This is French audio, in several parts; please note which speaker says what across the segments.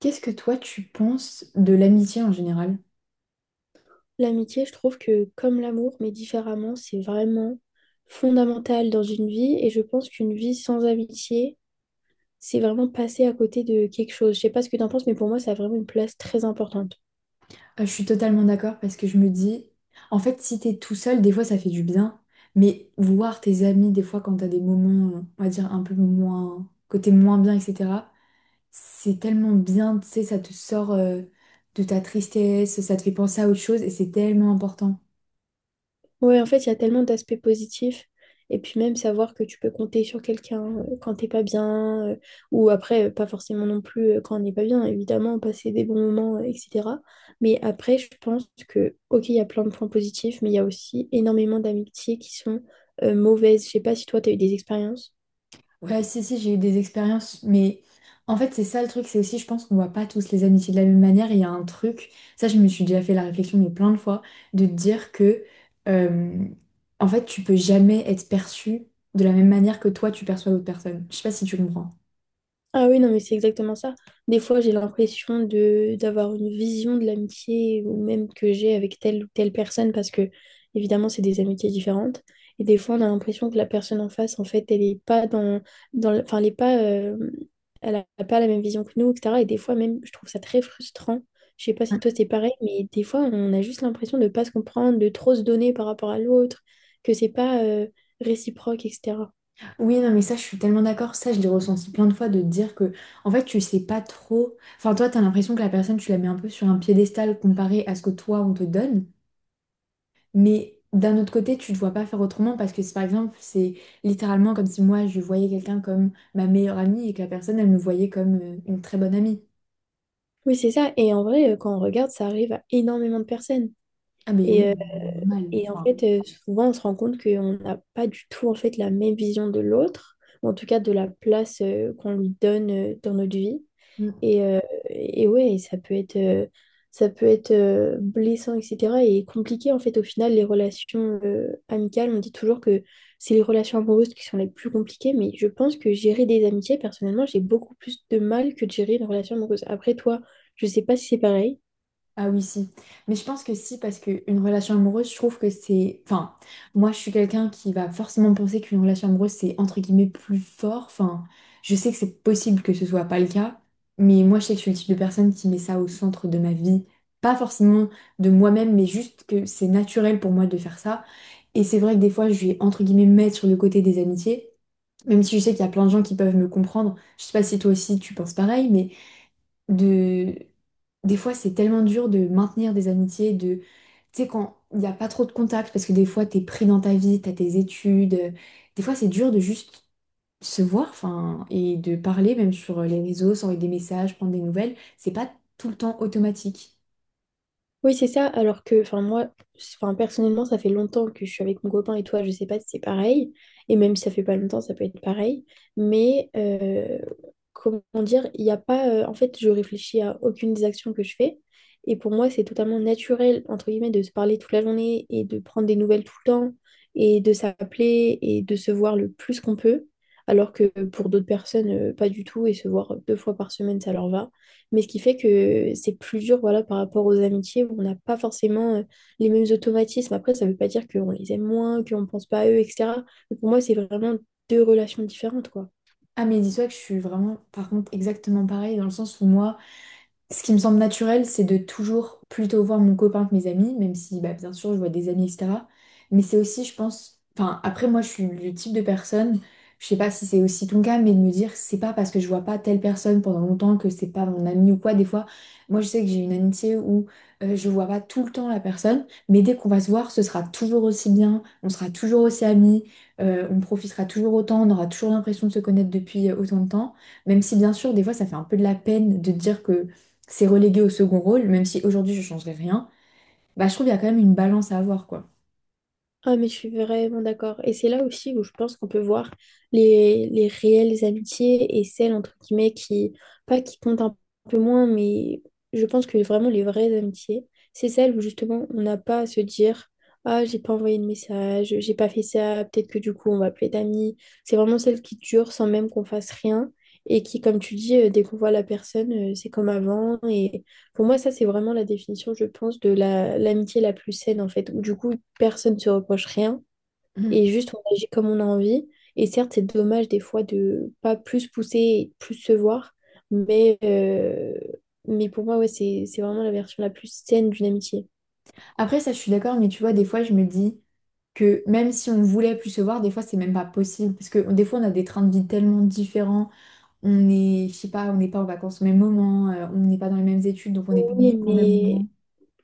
Speaker 1: Qu'est-ce que toi tu penses de l'amitié en général?
Speaker 2: L'amitié, je trouve que comme l'amour, mais différemment, c'est vraiment fondamental dans une vie. Et je pense qu'une vie sans amitié, c'est vraiment passer à côté de quelque chose. Je sais pas ce que tu en penses, mais pour moi, ça a vraiment une place très importante.
Speaker 1: Je suis totalement d'accord parce que je me dis, en fait, si t'es tout seul, des fois ça fait du bien, mais voir tes amis, des fois quand t'as des moments, on va dire, un peu moins, côté moins bien, etc., c'est tellement bien, tu sais, ça te sort de ta tristesse, ça te fait penser à autre chose et c'est tellement important.
Speaker 2: Ouais, en fait, il y a tellement d'aspects positifs. Et puis même savoir que tu peux compter sur quelqu'un quand t'es pas bien, ou après, pas forcément non plus quand on n'est pas bien, évidemment, passer des bons moments, etc. Mais après, je pense que, ok, il y a plein de points positifs, mais il y a aussi énormément d'amitiés qui sont mauvaises. Je sais pas si toi, tu as eu des expériences.
Speaker 1: Ouais, si, si, j'ai eu des expériences, mais en fait, c'est ça le truc, c'est aussi, je pense qu'on voit pas tous les amitiés de la même manière. Il y a un truc, ça, je me suis déjà fait la réflexion, mais plein de fois, de te dire que, euh, en fait, tu peux jamais être perçu de la même manière que toi, tu perçois l'autre personne. Je sais pas si tu comprends.
Speaker 2: Ah oui, non, mais c'est exactement ça. Des fois, j'ai l'impression de d'avoir une vision de l'amitié ou même que j'ai avec telle ou telle personne parce que, évidemment, c'est des amitiés différentes. Et des fois, on a l'impression que la personne en face, en fait, elle n'est pas enfin, elle est pas, elle n'a pas la même vision que nous, etc. Et des fois, même, je trouve ça très frustrant. Je sais pas
Speaker 1: Ouais.
Speaker 2: si toi, c'est pareil, mais des fois, on a juste l'impression de ne pas se comprendre, de trop se donner par rapport à l'autre, que c'est pas, réciproque, etc.
Speaker 1: Oui, non, mais ça, je suis tellement d'accord. Ça, je l'ai ressenti plein de fois de te dire que, en fait, tu sais pas trop. Enfin, toi, t'as l'impression que la personne, tu la mets un peu sur un piédestal comparé à ce que toi, on te donne. Mais d'un autre côté, tu ne te vois pas faire autrement parce que, si, par exemple, c'est littéralement comme si moi, je voyais quelqu'un comme ma meilleure amie et que la personne, elle me voyait comme une très bonne amie.
Speaker 2: Oui, c'est ça. Et en vrai, quand on regarde, ça arrive à énormément de personnes.
Speaker 1: Ah, mais oui,
Speaker 2: Et, euh,
Speaker 1: normal.
Speaker 2: et en
Speaker 1: Enfin,
Speaker 2: fait, souvent, on se rend compte qu'on n'a pas du tout en fait, la même vision de l'autre, ou en tout cas de la place qu'on lui donne dans notre vie. Et, euh, et ouais, et ça peut être blessant, etc. Et compliqué, en fait, au final, les relations amicales, on dit toujours que c'est les relations amoureuses qui sont les plus compliquées, mais je pense que gérer des amitiés, personnellement, j'ai beaucoup plus de mal que de gérer une relation amoureuse. Après, toi, je sais pas si c'est pareil.
Speaker 1: ah oui, si. Mais je pense que si, parce qu'une relation amoureuse, je trouve que c'est... Enfin, moi, je suis quelqu'un qui va forcément penser qu'une relation amoureuse, c'est entre guillemets plus fort. Enfin, je sais que c'est possible que ce soit pas le cas, mais moi, je sais que je suis le type de personne qui met ça au centre de ma vie. Pas forcément de moi-même, mais juste que c'est naturel pour moi de faire ça. Et c'est vrai que des fois, je vais entre guillemets mettre sur le côté des amitiés, même si je sais qu'il y a plein de gens qui peuvent me comprendre. Je sais pas si toi aussi tu penses pareil, mais de des fois c'est tellement dur de maintenir des amitiés de tu sais quand il n'y a pas trop de contacts parce que des fois t'es pris dans ta vie t'as tes études des fois c'est dur de juste se voir enfin et de parler même sur les réseaux s'envoyer des messages prendre des nouvelles c'est pas tout le temps automatique.
Speaker 2: Oui, c'est ça. Alors que, enfin, moi, enfin, personnellement, ça fait longtemps que je suis avec mon copain et toi, je sais pas si c'est pareil. Et même si ça fait pas longtemps, ça peut être pareil. Mais, euh, comment dire, il n'y a pas. En fait, je réfléchis à aucune des actions que je fais. Et pour moi, c'est totalement naturel, entre guillemets, de se parler toute la journée et de prendre des nouvelles tout le temps et de s'appeler et de se voir le plus qu'on peut. Alors que pour d'autres personnes, pas du tout. Et se voir deux fois par semaine, ça leur va mais ce qui fait que c'est plus dur, voilà, par rapport aux amitiés où on n'a pas forcément les mêmes automatismes. Après, ça ne veut pas dire qu'on les aime moins, qu'on ne pense pas à eux, etc. Mais pour moi, c'est vraiment deux relations différentes, quoi.
Speaker 1: Ah mais dis-toi que je suis vraiment par contre exactement pareil dans le sens où moi, ce qui me semble naturel, c'est de toujours plutôt voir mon copain que mes amis, même si bah, bien sûr je vois des amis, etc. Mais c'est aussi, je pense, enfin après moi je suis le type de personne, je sais pas si c'est aussi ton cas, mais de me dire c'est pas parce que je vois pas telle personne pendant longtemps que c'est pas mon ami ou quoi. Des fois, moi je sais que j'ai une amitié où je vois pas tout le temps la personne, mais dès qu'on va se voir, ce sera toujours aussi bien, on sera toujours aussi amis, on profitera toujours autant, on aura toujours l'impression de se connaître depuis autant de temps. Même si bien sûr, des fois, ça fait un peu de la peine de dire que c'est relégué au second rôle, même si aujourd'hui je changerais rien, bah je trouve qu'il y a quand même une balance à avoir, quoi.
Speaker 2: Ah, mais je suis vraiment d'accord. Et c'est là aussi où je pense qu'on peut voir les réelles amitiés et celles, entre guillemets, qui, pas qui comptent un peu moins, mais je pense que vraiment les vraies amitiés, c'est celles où justement on n'a pas à se dire, ah, j'ai pas envoyé de message, j'ai pas fait ça, peut-être que du coup on va plus être amis. C'est vraiment celles qui durent sans même qu'on fasse rien et qui, comme tu dis, dès qu'on voit la personne, c'est comme avant. Et pour moi, ça, c'est vraiment la définition, je pense, de l'amitié la plus saine, en fait, où du coup, personne ne se reproche rien et
Speaker 1: Mm.
Speaker 2: juste on agit comme on a envie. Et certes, c'est dommage des fois de pas plus pousser et plus se voir, mais, euh, mais pour moi, ouais, c'est vraiment la version la plus saine d'une amitié.
Speaker 1: Après, ça, je suis d'accord, mais tu vois, des fois, je me dis que même si on voulait plus se voir, des fois, c'est même pas possible, parce que des fois, on a des trains de vie tellement différents, on est, je sais pas, on n'est pas en vacances au même moment, on n'est pas dans les mêmes études, donc on n'est pas
Speaker 2: Oui,
Speaker 1: libre au même
Speaker 2: mais
Speaker 1: moment.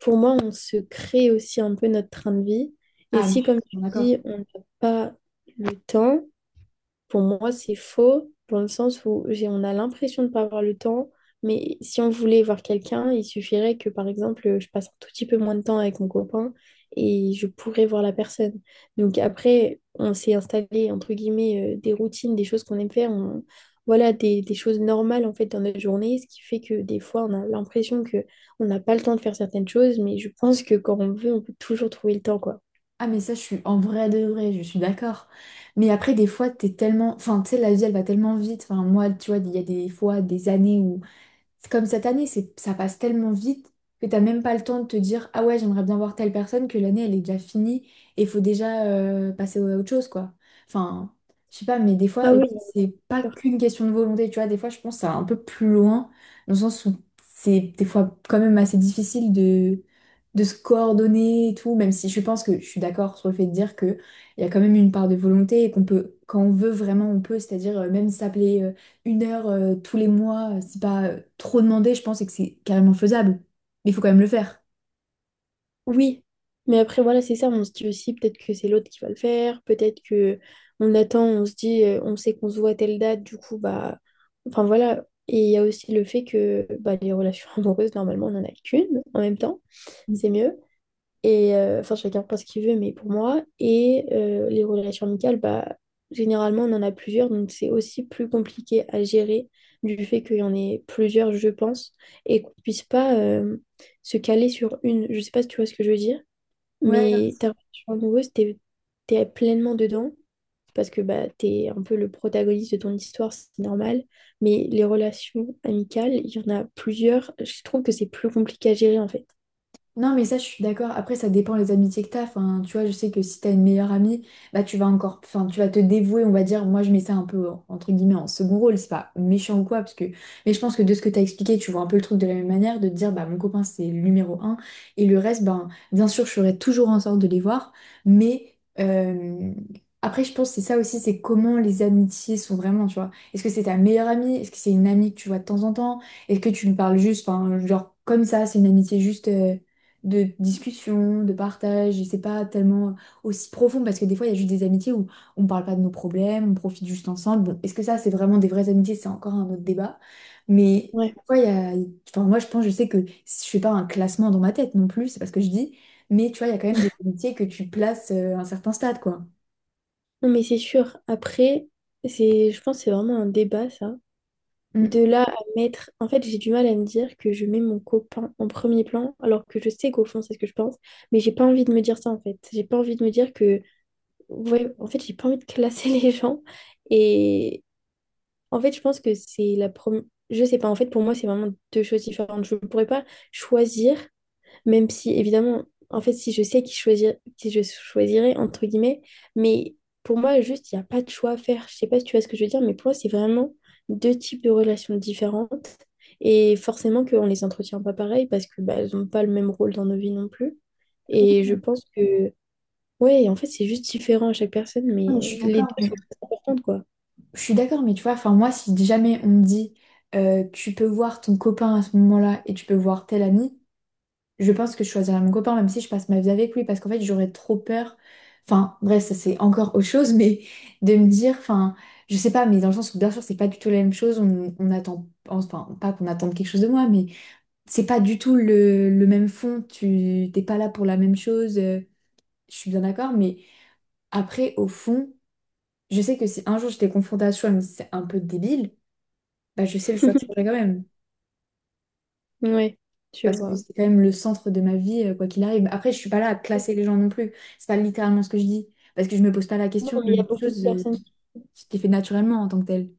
Speaker 2: pour moi, on se crée aussi un peu notre train de vie. Et
Speaker 1: Ah, mais
Speaker 2: si,
Speaker 1: je suis
Speaker 2: comme tu
Speaker 1: totalement d'accord.
Speaker 2: dis, on n'a pas le temps, pour moi, c'est faux dans le sens où on a l'impression de ne pas avoir le temps, mais si on voulait voir quelqu'un, il suffirait que, par exemple, je passe un tout petit peu moins de temps avec mon copain et je pourrais voir la personne. Donc après, on s'est installé, entre guillemets, des routines, des choses qu'on aime faire, voilà, des choses normales, en fait, dans notre journée, ce qui fait que des fois, on a l'impression que on n'a pas le temps de faire certaines choses, mais je pense que quand on veut, on peut toujours trouver le temps, quoi.
Speaker 1: Ah, mais ça, je suis en vrai de vrai, je suis d'accord. Mais après, des fois, t'es tellement. Enfin, tu sais, la vie, elle va tellement vite. Enfin, moi, tu vois, il y a des fois, des années où c'est comme cette année, c'est, ça passe tellement vite que t'as même pas le temps de te dire, ah ouais, j'aimerais bien voir telle personne, que l'année, elle est déjà finie et il faut déjà passer à autre chose, quoi. Enfin, je sais pas, mais des fois,
Speaker 2: Ah oui,
Speaker 1: aussi,
Speaker 2: bien
Speaker 1: c'est pas
Speaker 2: sûr.
Speaker 1: qu'une question de volonté, tu vois. Des fois, je pense que ça va un peu plus loin, dans le sens où c'est des fois quand même assez difficile de se coordonner et tout, même si je pense que je suis d'accord sur le fait de dire que il y a quand même une part de volonté et qu'on peut, quand on veut vraiment, on peut, c'est-à-dire même s'appeler. Une heure tous les mois, c'est pas trop demandé, je pense, et que c'est carrément faisable. Mais il faut quand même le faire.
Speaker 2: Oui, mais après voilà, c'est ça, on se dit aussi peut-être que c'est l'autre qui va le faire, peut-être que on attend, on se dit on sait qu'on se voit à telle date, du coup bah enfin voilà, et il y a aussi le fait que bah, les relations amoureuses normalement on n'en a qu'une en même temps, c'est
Speaker 1: Mm.
Speaker 2: mieux et enfin chacun pense ce qu'il veut mais pour moi et les relations amicales bah généralement on en a plusieurs donc c'est aussi plus compliqué à gérer du fait qu'il y en ait plusieurs je pense et qu'on puisse pas se caler sur une, je sais pas si tu vois ce que je veux dire.
Speaker 1: Ouais, non,
Speaker 2: Mais ta relation amoureuse, t'es pleinement dedans parce que bah, t'es un peu le protagoniste de ton histoire, c'est normal. Mais les relations amicales, il y en a plusieurs. Je trouve que c'est plus compliqué à gérer en fait.
Speaker 1: non, mais ça, je suis d'accord. Après, ça dépend les amitiés que t'as. Enfin, tu vois, je sais que si t'as une meilleure amie, bah, tu vas encore, enfin, tu vas te dévouer, on va dire. Moi, je mets ça un peu, en- entre guillemets, en second rôle. C'est pas méchant ou quoi, parce que, mais je pense que de ce que t'as expliqué, tu vois un peu le truc de la même manière, de te dire, bah, mon copain, c'est le numéro un. Et le reste, ben, bien sûr, je ferai toujours en sorte de les voir. Mais, après, je pense que c'est ça aussi, c'est comment les amitiés sont vraiment, tu vois. Est-ce que c'est ta meilleure amie? Est-ce que c'est une amie que tu vois de temps en temps? Est-ce que tu lui parles juste, enfin, genre, comme ça, c'est une amitié juste. De discussion, de partage, et c'est pas tellement aussi profond parce que des fois il y a juste des amitiés où on parle pas de nos problèmes, on profite juste ensemble. Bon, est-ce que ça c'est vraiment des vraies amitiés? C'est encore un autre débat. Mais
Speaker 2: Ouais.
Speaker 1: ouais, il y a... enfin, moi je pense, je sais que je fais pas un classement dans ma tête non plus, c'est pas ce que je dis, mais tu vois, il y a quand même des amitiés que tu places à un certain stade, quoi.
Speaker 2: Non, mais c'est sûr. Après, je pense que c'est vraiment un débat ça. De
Speaker 1: Mm.
Speaker 2: là à mettre. En fait, j'ai du mal à me dire que je mets mon copain en premier plan alors que je sais qu'au fond, c'est ce que je pense. Mais j'ai pas envie de me dire ça en fait. J'ai pas envie de me dire que. Ouais, en fait, j'ai pas envie de classer les gens. Et, En fait, je pense que c'est la première. Je sais pas, en fait, pour moi, c'est vraiment deux choses différentes. Je ne pourrais pas choisir, même si, évidemment, en fait, si je sais qui choisir, qui je choisirais, entre guillemets, mais pour moi, juste, il n'y a pas de choix à faire. Je sais pas si tu vois ce que je veux dire, mais pour moi, c'est vraiment deux types de relations différentes. Et forcément qu'on ne les entretient pas pareil parce que bah, elles n'ont pas le même rôle dans nos vies non plus.
Speaker 1: Oui,
Speaker 2: Et je pense que, ouais, en fait, c'est juste différent à chaque personne,
Speaker 1: non,
Speaker 2: mais
Speaker 1: mais je suis
Speaker 2: les deux
Speaker 1: d'accord, mais
Speaker 2: sont très importantes, quoi.
Speaker 1: je suis d'accord, mais tu vois, enfin moi, si jamais on me dit tu peux voir ton copain à ce moment-là et tu peux voir tel ami, je pense que je choisirais mon copain, même si je passe ma vie avec lui, parce qu'en fait, j'aurais trop peur. Enfin, bref, ça c'est encore autre chose, mais de me dire, enfin, je sais pas, mais dans le sens où bien sûr, c'est pas du tout la même chose. On attend, enfin, pas qu'on attende quelque chose de moi, mais c'est pas du tout le même fond. Tu t'es pas là pour la même chose. Je suis bien d'accord, mais après, au fond, je sais que si un jour j'étais confrontée à ce choix, mais c'est un peu débile, bah je sais le choix que je ferais quand même.
Speaker 2: Ouais, tu
Speaker 1: Parce que
Speaker 2: vois.
Speaker 1: c'est quand même le centre de ma vie, quoi qu'il arrive. Après, je suis pas là à classer les gens non plus. C'est pas littéralement ce que je dis. Parce que je me pose pas la
Speaker 2: Non,
Speaker 1: question
Speaker 2: mais
Speaker 1: de choses ce qui est fait naturellement en tant que tel.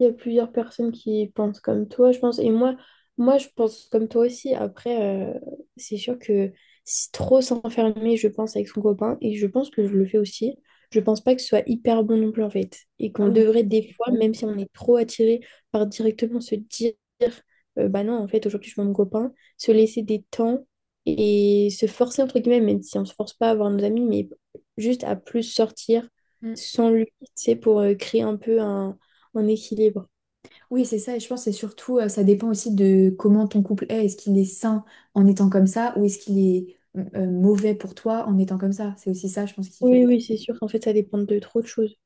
Speaker 2: il y a plusieurs personnes qui pensent comme toi, je pense. Et moi, moi, je pense comme toi aussi. Après, c'est sûr que si trop s'enfermer, je pense, avec son copain, et je pense que je le fais aussi, je pense pas que ce soit hyper bon non plus, en fait. Et
Speaker 1: Ah
Speaker 2: qu'on
Speaker 1: oui.
Speaker 2: devrait, des fois,
Speaker 1: Bah
Speaker 2: même si on est trop attiré par directement se dire, bah non, en fait, aujourd'hui, je vois mon copain, se laisser des temps et se forcer, entre guillemets, même si on se force pas à voir nos amis, mais juste à plus sortir
Speaker 1: oui. Mm.
Speaker 2: sans lui, tu sais, pour créer un peu un en équilibre.
Speaker 1: Oui, c'est ça. Et je pense que c'est surtout, ça dépend aussi de comment ton couple est. Est-ce qu'il est sain en étant comme ça ou est-ce qu'il est mauvais pour toi en étant comme ça? C'est aussi ça, je pense, qui fait
Speaker 2: Oui,
Speaker 1: la
Speaker 2: oui, c'est sûr. Qu'en fait, ça dépend de trop de choses.